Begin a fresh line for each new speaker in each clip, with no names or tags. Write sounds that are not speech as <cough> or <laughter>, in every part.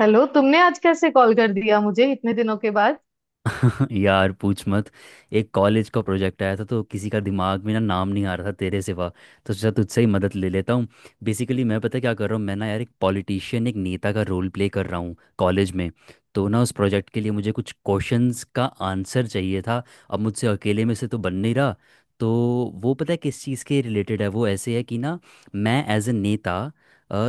Hello, तुमने आज कैसे कॉल कर दिया मुझे इतने दिनों के बाद।
<laughs> यार पूछ मत। एक कॉलेज का प्रोजेक्ट आया था, तो किसी का दिमाग में ना नाम नहीं आ रहा था तेरे सिवा। तो सोचा तुझसे ही मदद ले लेता हूँ। बेसिकली मैं पता है क्या कर रहा हूँ, मैं ना यार एक पॉलिटिशियन, एक नेता का रोल प्ले कर रहा हूँ कॉलेज में। तो ना उस प्रोजेक्ट के लिए मुझे कुछ क्वेश्चंस का आंसर चाहिए था। अब मुझसे अकेले में से तो बन नहीं रहा, तो वो पता है किस चीज़ के रिलेटेड है। वो ऐसे है कि ना, मैं एज ए नेता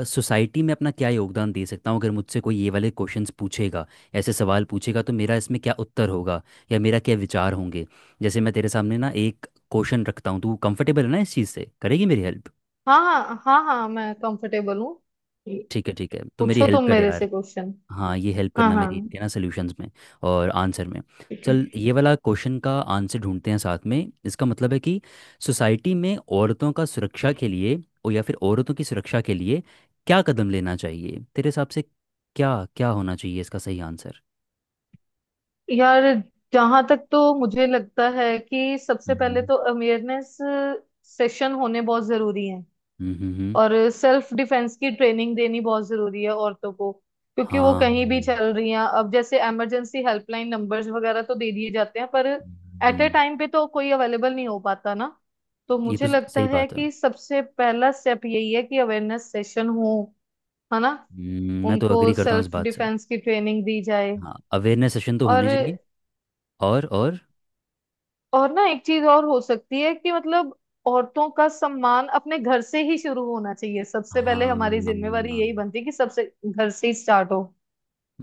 सोसाइटी में अपना क्या योगदान दे सकता हूँ, अगर मुझसे कोई ये वाले क्वेश्चंस पूछेगा, ऐसे सवाल पूछेगा, तो मेरा इसमें क्या उत्तर होगा या मेरा क्या विचार होंगे। जैसे मैं तेरे सामने ना एक क्वेश्चन रखता हूँ, तू कंफर्टेबल है ना इस चीज़ से? करेगी मेरी हेल्प?
हाँ हाँ हाँ हाँ, मैं कंफर्टेबल हूँ।
ठीक है ठीक है, तो मेरी
पूछो तुम
हेल्प कर
मेरे
यार।
से क्वेश्चन।
हाँ, ये हेल्प
हाँ
करना
हाँ।
मेरी, इनके ना सोल्यूशंस में और आंसर में।
ठीक है।
चल ये वाला क्वेश्चन का आंसर ढूंढते हैं साथ में। इसका मतलब है कि सोसाइटी में औरतों का सुरक्षा के लिए, और या फिर औरतों की सुरक्षा के लिए क्या कदम लेना चाहिए तेरे हिसाब से? क्या क्या होना चाहिए इसका सही आंसर?
यार, जहां तक तो मुझे लगता है कि सबसे पहले
हम्म।
तो अवेयरनेस सेशन होने बहुत जरूरी है।
हम्म। हम्म।
और सेल्फ डिफेंस की ट्रेनिंग देनी बहुत जरूरी है औरतों को, क्योंकि वो कहीं भी
हाँ।
चल रही हैं। अब जैसे इमरजेंसी हेल्पलाइन नंबर्स वगैरह तो दे दिए जाते हैं, पर एट ए
हम्म,
टाइम पे तो कोई अवेलेबल नहीं हो पाता ना। तो
ये तो
मुझे लगता
सही
है
बात है।
कि सबसे पहला स्टेप यही है कि अवेयरनेस सेशन हो, है ना।
मैं तो
उनको
अग्री करता हूँ इस
सेल्फ
बात से।
डिफेंस की ट्रेनिंग दी जाए।
हाँ, अवेयरनेस सेशन तो
और
होने चाहिए। और।
और ना एक चीज और हो सकती है कि मतलब औरतों का सम्मान अपने घर से ही शुरू होना चाहिए। सबसे पहले
हाँ,
हमारी जिम्मेवारी यही बनती है कि सबसे घर से ही स्टार्ट हो।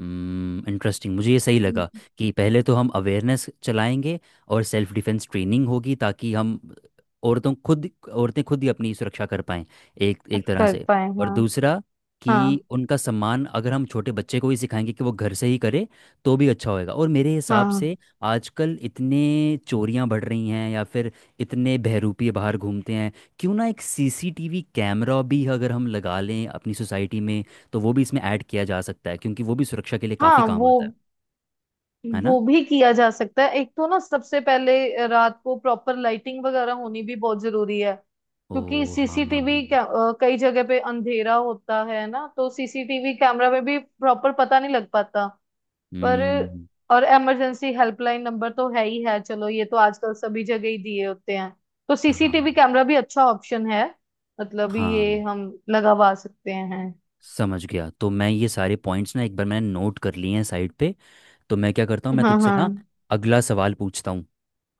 इंटरेस्टिंग, मुझे ये सही लगा
हम्म।
कि पहले तो हम अवेयरनेस चलाएंगे और सेल्फ डिफेंस ट्रेनिंग होगी, ताकि हम औरतों खुद औरतें खुद ही अपनी सुरक्षा कर पाएं, एक एक तरह
कर
से।
पाए,
और
हाँ।
दूसरा,
हाँ
कि उनका सम्मान अगर हम छोटे बच्चे को ही सिखाएंगे कि वो घर से ही करे, तो भी अच्छा होएगा। और मेरे हिसाब
हाँ
से आजकल इतने चोरियां बढ़ रही हैं या फिर इतने बहरूपी बाहर घूमते हैं, क्यों ना एक सीसीटीवी कैमरा भी अगर हम लगा लें अपनी सोसाइटी में, तो वो भी इसमें ऐड किया जा सकता है, क्योंकि वो भी सुरक्षा के लिए काफ़ी
हाँ।
काम आता है ना?
वो भी किया जा सकता है। एक तो ना सबसे पहले रात को प्रॉपर लाइटिंग वगैरह होनी भी बहुत जरूरी है,
ओ।
क्योंकि
हाँ।
सीसीटीवी कई जगह पे अंधेरा होता है ना, तो सीसीटीवी कैमरा में भी प्रॉपर पता नहीं लग पाता। पर
हम्म।
और इमरजेंसी हेल्पलाइन नंबर तो है ही है। चलो, ये तो आजकल सभी जगह ही दिए होते हैं। तो
हाँ
सीसीटीवी कैमरा भी अच्छा ऑप्शन है। मतलब ये
हाँ।
हम लगवा सकते हैं।
समझ गया। तो मैं ये सारे पॉइंट्स ना एक बार मैंने नोट कर लिए हैं साइड पे। तो मैं क्या करता हूँ, मैं
हाँ
तुझसे
हाँ।
ना अगला सवाल पूछता हूँ।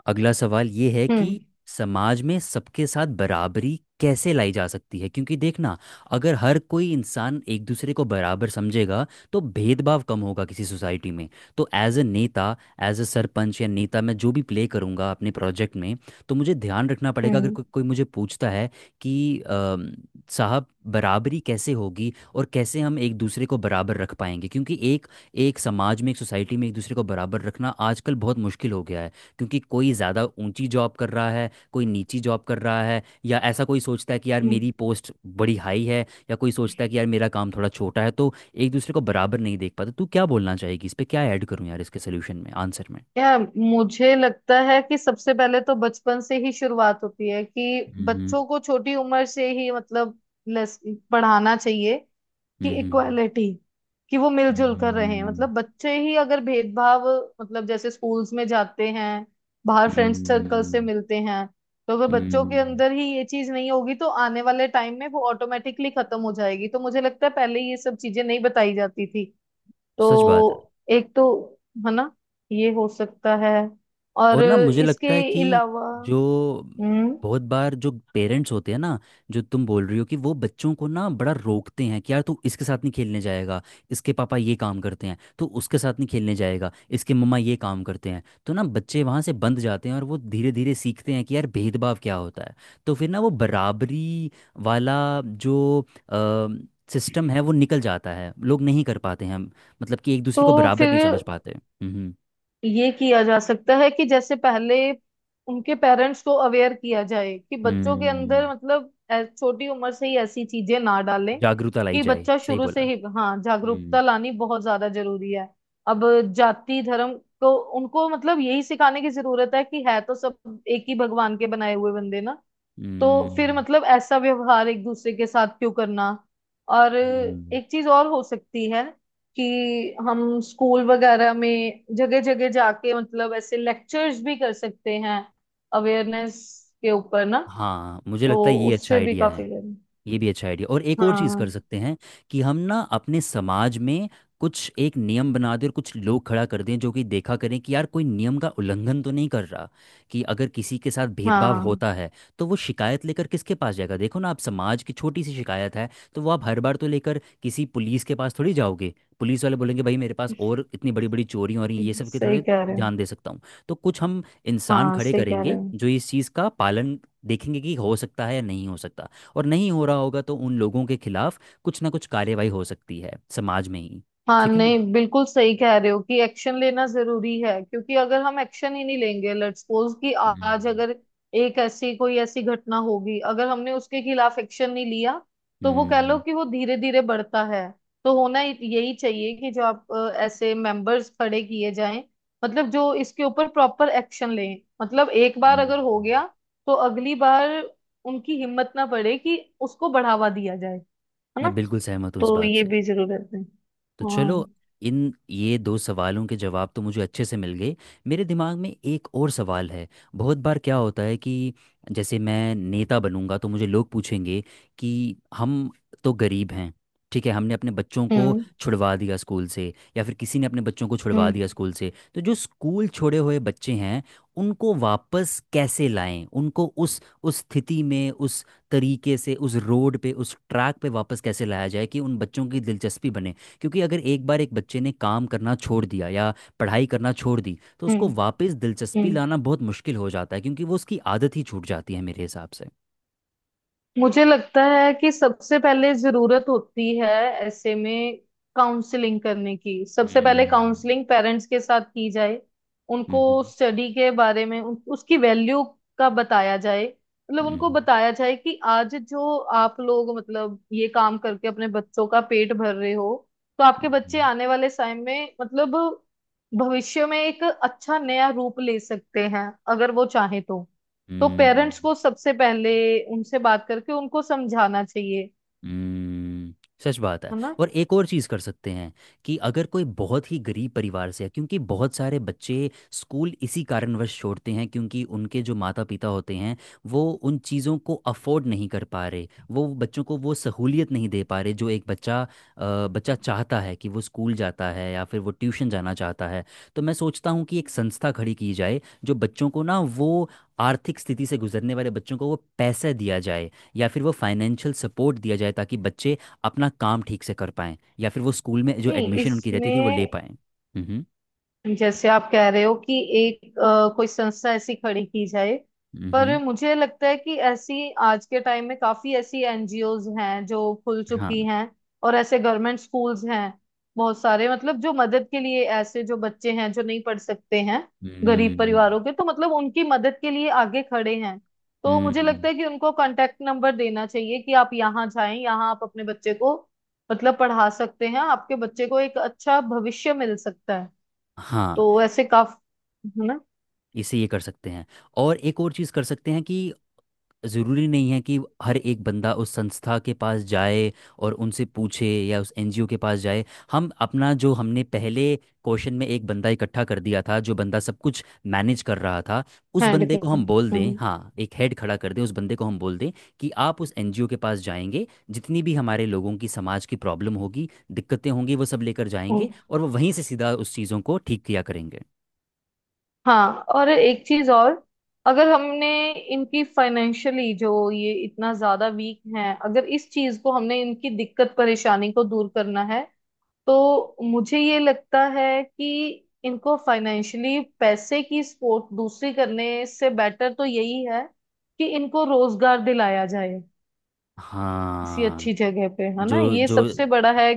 अगला सवाल ये है
हम्म।
कि समाज में सबके साथ बराबरी कैसे लाई जा सकती है? क्योंकि देखना, अगर हर कोई इंसान एक दूसरे को बराबर समझेगा तो भेदभाव कम होगा किसी सोसाइटी में। तो एज अ नेता, एज अ सरपंच या नेता मैं जो भी प्ले करूँगा अपने प्रोजेक्ट में, तो मुझे ध्यान रखना पड़ेगा, अगर
हम्म
कोई मुझे पूछता है कि साहब, बराबरी कैसे होगी और कैसे हम एक दूसरे को बराबर रख पाएंगे, क्योंकि एक एक समाज में, एक सोसाइटी में एक दूसरे को बराबर रखना आजकल बहुत मुश्किल हो गया है। क्योंकि कोई ज़्यादा ऊंची जॉब कर रहा है, कोई नीची जॉब कर रहा है, या ऐसा कोई सोचता है कि यार
हम्म।
मेरी पोस्ट बड़ी हाई है, या कोई सोचता है कि यार मेरा काम थोड़ा छोटा है, तो एक दूसरे को बराबर नहीं देख पाता। तू क्या बोलना चाहेगी इस पे? क्या ऐड करूं यार इसके सोल्यूशन में, आंसर में?
यार, मुझे लगता है कि सबसे पहले तो बचपन से ही शुरुआत होती है कि
हम्म।
बच्चों को छोटी उम्र से ही मतलब लेस- पढ़ाना चाहिए कि
हम्म।
इक्वालिटी, कि वो मिलजुल कर रहे हैं।
हम्म।
मतलब बच्चे ही अगर भेदभाव मतलब जैसे स्कूल्स में जाते हैं, बाहर फ्रेंड
हम्म।
सर्कल से मिलते हैं, तो अगर बच्चों के
हम्म,
अंदर ही ये चीज नहीं होगी तो आने वाले टाइम में वो ऑटोमेटिकली खत्म हो जाएगी। तो मुझे लगता है पहले ये सब चीजें नहीं बताई जाती थी,
सच बात है।
तो एक तो, है ना, ये हो सकता है। और
और ना मुझे
इसके
लगता है कि
अलावा
जो
हम्म,
बहुत बार जो पेरेंट्स होते हैं ना, जो तुम बोल रही हो, कि वो बच्चों को ना बड़ा रोकते हैं कि यार तू इसके साथ नहीं खेलने जाएगा, इसके पापा ये काम करते हैं, तू उसके साथ नहीं खेलने जाएगा, इसके मम्मा ये काम करते हैं, तो ना बच्चे वहाँ से बंद जाते हैं और वो धीरे धीरे सीखते हैं कि यार भेदभाव क्या होता है। तो फिर ना वो बराबरी वाला जो सिस्टम है वो निकल जाता है, लोग नहीं कर पाते हैं, मतलब कि एक दूसरे को
तो
बराबर नहीं समझ
फिर
पाते। हम्म।
ये किया जा सकता है कि जैसे पहले उनके पेरेंट्स को अवेयर किया जाए कि बच्चों के अंदर
हम्म।
मतलब छोटी उम्र से ही ऐसी चीजें ना डालें
जागरूकता लाई
कि
जाए,
बच्चा
सही
शुरू
बोला।
से ही। हाँ,
हम्म।
जागरूकता लानी बहुत ज्यादा जरूरी है। अब जाति धर्म को उनको मतलब यही सिखाने की जरूरत है कि है तो सब एक ही भगवान के बनाए हुए बंदे ना। तो फिर
हम्म।
मतलब ऐसा व्यवहार एक दूसरे के साथ क्यों करना। और
हम्म,
एक चीज और हो सकती है कि हम स्कूल वगैरह में जगह जगह जाके मतलब ऐसे लेक्चर्स भी कर सकते हैं अवेयरनेस के ऊपर ना,
हाँ मुझे
तो
लगता है ये अच्छा
उससे भी
आइडिया
काफी।
है। ये भी अच्छा आइडिया, और एक और चीज़ कर
हाँ
सकते हैं कि हम ना अपने समाज में कुछ एक नियम बना दें और कुछ लोग खड़ा कर दें, जो कि देखा करें कि यार कोई नियम का उल्लंघन तो नहीं कर रहा, कि अगर किसी के साथ भेदभाव
हाँ,
होता है, तो वो शिकायत लेकर किसके पास जाएगा? देखो ना, आप समाज की छोटी सी शिकायत है, तो वो आप हर बार तो लेकर किसी पुलिस के पास थोड़ी जाओगे। पुलिस वाले बोलेंगे भाई मेरे पास और इतनी बड़ी बड़ी चोरियां हो रही हैं, ये सब के
सही
थोड़े
कह रहे हो।
ध्यान दे सकता हूँ। तो कुछ हम इंसान
हाँ,
खड़े
सही कह रहे
करेंगे
हो।
जो इस चीज़ का पालन देखेंगे कि हो सकता है या नहीं हो सकता, और नहीं हो रहा होगा तो उन लोगों के खिलाफ कुछ ना कुछ कार्रवाई हो सकती है समाज में ही।
हाँ
ठीक है ना?
नहीं, बिल्कुल सही कह रहे हो कि एक्शन लेना जरूरी है, क्योंकि अगर हम एक्शन ही नहीं लेंगे, लेट्स सपोज कि आज
हम्म।
अगर एक ऐसी, कोई ऐसी घटना होगी, अगर हमने उसके खिलाफ एक्शन नहीं लिया, तो वो
हम्म।
कह लो कि वो धीरे धीरे बढ़ता है। तो होना यही चाहिए कि जो आप ऐसे मेंबर्स खड़े किए जाएं, मतलब जो इसके ऊपर प्रॉपर एक्शन लें। मतलब एक बार अगर हो
हम्म।
गया, तो अगली बार उनकी हिम्मत ना पड़े कि उसको बढ़ावा दिया जाए, है
मैं
ना।
बिल्कुल सहमत हूँ इस
तो
बात
ये
से।
भी जरूरत है।
तो
हाँ।
चलो, इन ये दो सवालों के जवाब तो मुझे अच्छे से मिल गए। मेरे दिमाग में एक और सवाल है। बहुत बार क्या होता है कि जैसे मैं नेता बनूंगा तो मुझे लोग पूछेंगे कि हम तो गरीब हैं, ठीक है, हमने अपने बच्चों को
हम्म
छुड़वा दिया स्कूल से, या फिर किसी ने अपने बच्चों को छुड़वा
हम्म
दिया स्कूल से, तो जो स्कूल छोड़े हुए बच्चे हैं उनको वापस कैसे लाएं? उनको उस स्थिति में, उस तरीके से, उस रोड पे, उस ट्रैक पे वापस कैसे लाया जाए कि उन बच्चों की दिलचस्पी बने? क्योंकि अगर एक बार एक बच्चे ने काम करना छोड़ दिया या पढ़ाई करना छोड़ दी, तो
हम्म।
उसको वापस दिलचस्पी
हम्म।
लाना बहुत मुश्किल हो जाता है, क्योंकि वो उसकी आदत ही छूट जाती है मेरे हिसाब से।
मुझे लगता है कि सबसे पहले जरूरत होती है ऐसे में काउंसलिंग करने की। सबसे पहले
हम्म।
काउंसलिंग पेरेंट्स के साथ की जाए। उनको
हम्म।
स्टडी के बारे में उसकी वैल्यू का बताया जाए। मतलब उनको
हम्म।
बताया जाए कि आज जो आप लोग मतलब ये काम करके अपने बच्चों का पेट भर रहे हो, तो आपके
हम्म।
बच्चे आने वाले समय में मतलब भविष्य में एक अच्छा नया रूप ले सकते हैं अगर वो चाहे तो। तो
हम्म,
पेरेंट्स
हम्म।
को सबसे पहले उनसे बात करके उनको समझाना चाहिए,
हम्म। सच बात है।
है ना।
और एक और चीज़ कर सकते हैं कि अगर कोई बहुत ही गरीब परिवार से है, क्योंकि बहुत सारे बच्चे स्कूल इसी कारणवश छोड़ते हैं, क्योंकि उनके जो माता पिता होते हैं वो उन चीज़ों को अफोर्ड नहीं कर पा रहे, वो बच्चों को वो सहूलियत नहीं दे पा रहे जो एक बच्चा चाहता है कि वो स्कूल जाता है या फिर वो ट्यूशन जाना चाहता है। तो मैं सोचता हूँ कि एक संस्था खड़ी की जाए जो बच्चों को ना, वो आर्थिक स्थिति से गुजरने वाले बच्चों को वो पैसा दिया जाए, या फिर वो फाइनेंशियल सपोर्ट दिया जाए, ताकि बच्चे अपना काम ठीक से कर पाएं या फिर वो स्कूल में जो
नहीं
एडमिशन उनकी रहती थी वो ले
इसमें,
पाएं। हम्म।
जैसे आप कह रहे हो कि एक कोई संस्था ऐसी खड़ी की जाए, पर
हम्म।
मुझे लगता है कि ऐसी आज के टाइम में काफी ऐसी एनजीओज हैं जो खुल चुकी
हाँ।
हैं। और ऐसे गवर्नमेंट स्कूल्स हैं बहुत सारे, मतलब जो मदद के लिए, ऐसे जो बच्चे हैं जो नहीं पढ़ सकते हैं, गरीब
हम्म।
परिवारों के, तो मतलब उनकी मदद के लिए आगे खड़े हैं। तो मुझे
हम्म।
लगता है कि उनको कांटेक्ट नंबर देना चाहिए कि आप यहाँ जाएं, यहाँ आप अपने बच्चे को मतलब पढ़ा सकते हैं, आपके बच्चे को एक अच्छा भविष्य मिल सकता है।
हाँ,
तो ऐसे काफी, है ना।
इसे ये कर सकते हैं। और एक और चीज़ कर सकते हैं कि ज़रूरी नहीं है कि हर एक बंदा उस संस्था के पास जाए और उनसे पूछे या उस एनजीओ के पास जाए। हम अपना जो हमने पहले क्वेश्चन में एक बंदा इकट्ठा कर दिया था, जो बंदा सब कुछ मैनेज कर रहा था, उस
हैंड
बंदे
के,
को हम बोल दें,
हम्म।
हाँ, एक हेड खड़ा कर दें, उस बंदे को हम बोल दें कि आप उस एनजीओ के पास जाएंगे, जितनी भी हमारे लोगों की, समाज की प्रॉब्लम होगी, दिक्कतें होंगी, वो सब लेकर जाएंगे
हम्म।
और वो वहीं से सीधा उस चीज़ों को ठीक किया करेंगे।
हाँ, और एक चीज और। अगर हमने इनकी फाइनेंशियली, जो ये इतना ज्यादा वीक हैं, अगर इस चीज को, हमने इनकी दिक्कत परेशानी को दूर करना है, तो मुझे ये लगता है कि इनको फाइनेंशियली पैसे की सपोर्ट दूसरी करने से बेटर तो यही है कि इनको रोजगार दिलाया जाए किसी
हाँ।
अच्छी जगह पे, है ना।
जो
ये
जो।
सबसे बड़ा है।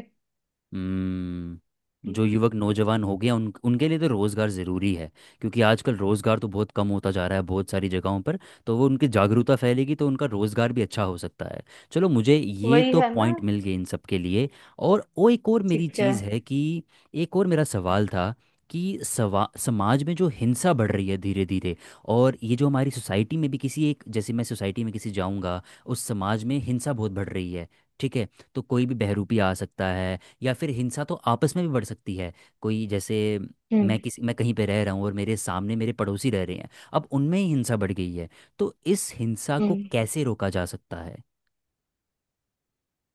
जो युवक नौजवान हो गया उन उनके लिए तो रोज़गार ज़रूरी है। क्योंकि आजकल रोज़गार तो बहुत कम होता जा रहा है बहुत सारी जगहों पर, तो वो उनकी जागरूकता फैलेगी तो उनका रोज़गार भी अच्छा हो सकता है। चलो मुझे ये
वही,
तो
है ना।
पॉइंट मिल गए इन सब के लिए। और वो एक और मेरी
ठीक है।
चीज़ है कि एक और मेरा सवाल था कि सवा समाज में जो हिंसा बढ़ रही है धीरे धीरे, और ये जो हमारी सोसाइटी में भी, किसी एक जैसे मैं सोसाइटी में किसी जाऊंगा, उस समाज में हिंसा बहुत बढ़ रही है, ठीक है? तो कोई भी बहरूपी आ सकता है या फिर हिंसा तो आपस में भी बढ़ सकती है। कोई जैसे,
हम्म।
मैं कहीं पे रह रहा हूँ और मेरे सामने मेरे पड़ोसी रह रहे हैं, अब उनमें ही हिंसा बढ़ गई है, तो इस हिंसा को
हम्म।
कैसे रोका जा सकता है?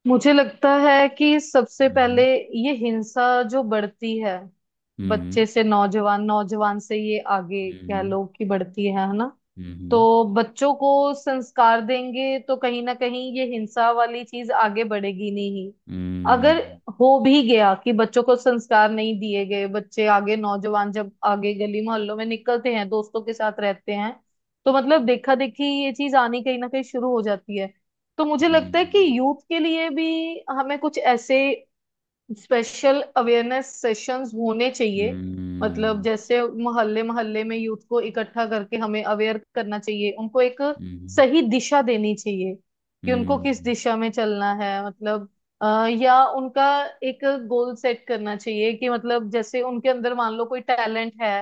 मुझे लगता है कि सबसे पहले
हम्म।
ये हिंसा जो बढ़ती है,
हम्म।
बच्चे से नौजवान, नौजवान से ये आगे कह
हम्म।
लो कि बढ़ती है ना। तो
हम्म।
बच्चों को संस्कार देंगे तो कहीं ना कहीं ये हिंसा वाली चीज आगे बढ़ेगी नहीं। अगर
हम्म।
हो भी गया कि बच्चों को संस्कार नहीं दिए गए, बच्चे आगे नौजवान जब आगे गली मोहल्लों में निकलते हैं, दोस्तों के साथ रहते हैं, तो मतलब देखा देखी ये चीज आनी कहीं ना कहीं शुरू हो जाती है। तो मुझे लगता है कि
हम्म।
यूथ के लिए भी हमें कुछ ऐसे स्पेशल अवेयरनेस सेशंस होने चाहिए। मतलब
हम्म।
जैसे मोहल्ले मोहल्ले में यूथ को इकट्ठा करके हमें अवेयर करना चाहिए, उनको एक
हम्म।
सही दिशा देनी चाहिए कि उनको किस
हम्म।
दिशा में चलना है। मतलब या उनका एक गोल सेट करना चाहिए कि, मतलब जैसे उनके अंदर मान लो कोई टैलेंट है,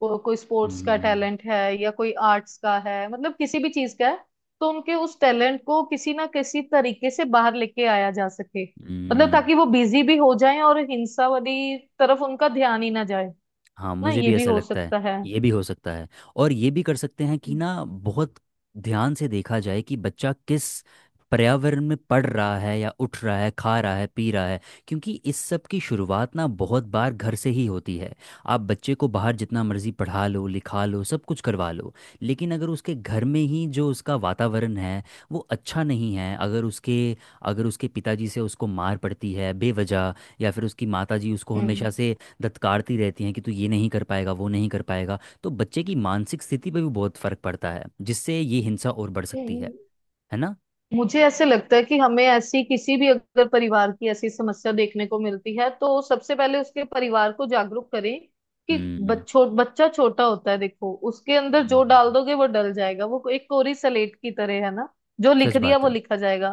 कोई स्पोर्ट्स का
हम्म।
टैलेंट है या कोई आर्ट्स का है, मतलब किसी भी चीज का है, तो उनके उस टैलेंट को किसी ना किसी तरीके से बाहर लेके आया जा सके, मतलब
हम्म
ताकि वो बिजी भी हो जाए और हिंसा वाली तरफ उनका ध्यान ही ना जाए।
हाँ
ना,
मुझे
ये
भी
भी
ऐसा
हो
लगता है,
सकता है।
ये भी हो सकता है। और ये भी कर सकते हैं कि ना, बहुत ध्यान से देखा जाए कि बच्चा किस पर्यावरण में पढ़ रहा है, या उठ रहा है, खा रहा है, पी रहा है, क्योंकि इस सब की शुरुआत ना बहुत बार घर से ही होती है। आप बच्चे को बाहर जितना मर्जी पढ़ा लो, लिखा लो, सब कुछ करवा लो, लेकिन अगर उसके घर में ही जो उसका वातावरण है वो अच्छा नहीं है, अगर उसके पिताजी से उसको मार पड़ती है बेवजह, या फिर उसकी माताजी उसको
हम्म।
हमेशा से दत्कारती रहती हैं कि तू ये नहीं कर पाएगा, वो नहीं कर पाएगा, तो बच्चे की मानसिक स्थिति पर भी बहुत फर्क पड़ता है, जिससे ये हिंसा और बढ़ सकती है
हम्म।
है ना?
मुझे ऐसे लगता है कि हमें ऐसी, किसी भी अगर परिवार की ऐसी समस्या देखने को मिलती है, तो सबसे पहले उसके परिवार को जागरूक करें कि
हम्म।
बच्चों बच्चा छोटा होता है, देखो उसके अंदर जो डाल
हम्म,
दोगे वो डल जाएगा। वो एक कोरी सलेट की तरह है ना, जो
सच
लिख दिया
बात
वो
है।
लिखा जाएगा।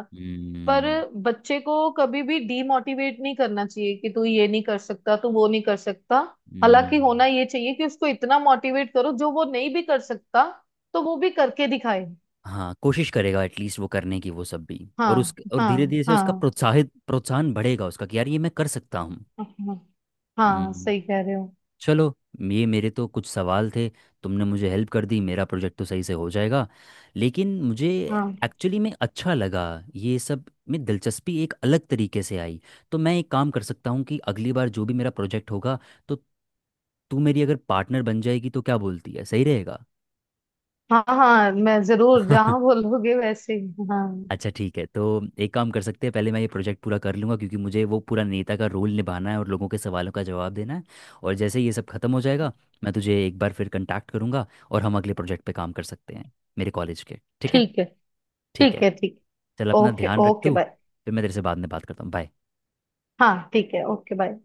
पर बच्चे को कभी भी डीमोटिवेट नहीं करना चाहिए कि तू ये नहीं कर सकता, तू वो नहीं कर सकता। हालांकि
हम्म,
होना ये चाहिए कि उसको इतना मोटिवेट करो जो वो नहीं भी कर सकता तो वो भी करके दिखाए।
हाँ, कोशिश करेगा एटलीस्ट वो करने की, वो सब भी। और उस,
हाँ
और धीरे
हाँ।
धीरे से उसका
हाँ
प्रोत्साहित प्रोत्साहन बढ़ेगा उसका कि यार ये मैं कर सकता हूँ।
हाँ, हाँ
हम्म।
सही कह रहे हो।
चलो, ये मेरे तो कुछ सवाल थे। तुमने मुझे हेल्प कर दी, मेरा प्रोजेक्ट तो सही से हो जाएगा, लेकिन मुझे
हाँ
एक्चुअली में अच्छा लगा, ये सब में दिलचस्पी एक अलग तरीके से आई। तो मैं एक काम कर सकता हूँ कि अगली बार जो भी मेरा प्रोजेक्ट होगा, तो तू मेरी अगर पार्टनर बन जाएगी तो, क्या बोलती है, सही रहेगा?
हाँ। हाँ, मैं जरूर, जहाँ
<laughs>
बोलोगे वैसे ही। हाँ
अच्छा ठीक है, तो एक काम कर सकते हैं, पहले मैं ये प्रोजेक्ट पूरा कर लूँगा, क्योंकि मुझे वो पूरा नेता का रोल निभाना है और लोगों के सवालों का जवाब देना है, और जैसे ही ये सब खत्म हो जाएगा मैं तुझे एक बार फिर कांटेक्ट करूँगा, और हम अगले प्रोजेक्ट पे काम कर सकते हैं मेरे कॉलेज के, ठीक है?
ठीक है।
ठीक
ठीक
है।
है ठीक
चल अपना
ओके,
ध्यान रख
ओके
तू।
बाय।
फिर मैं तेरे से बाद में बात करता हूँ। बाय।
हाँ ठीक है, ओके बाय।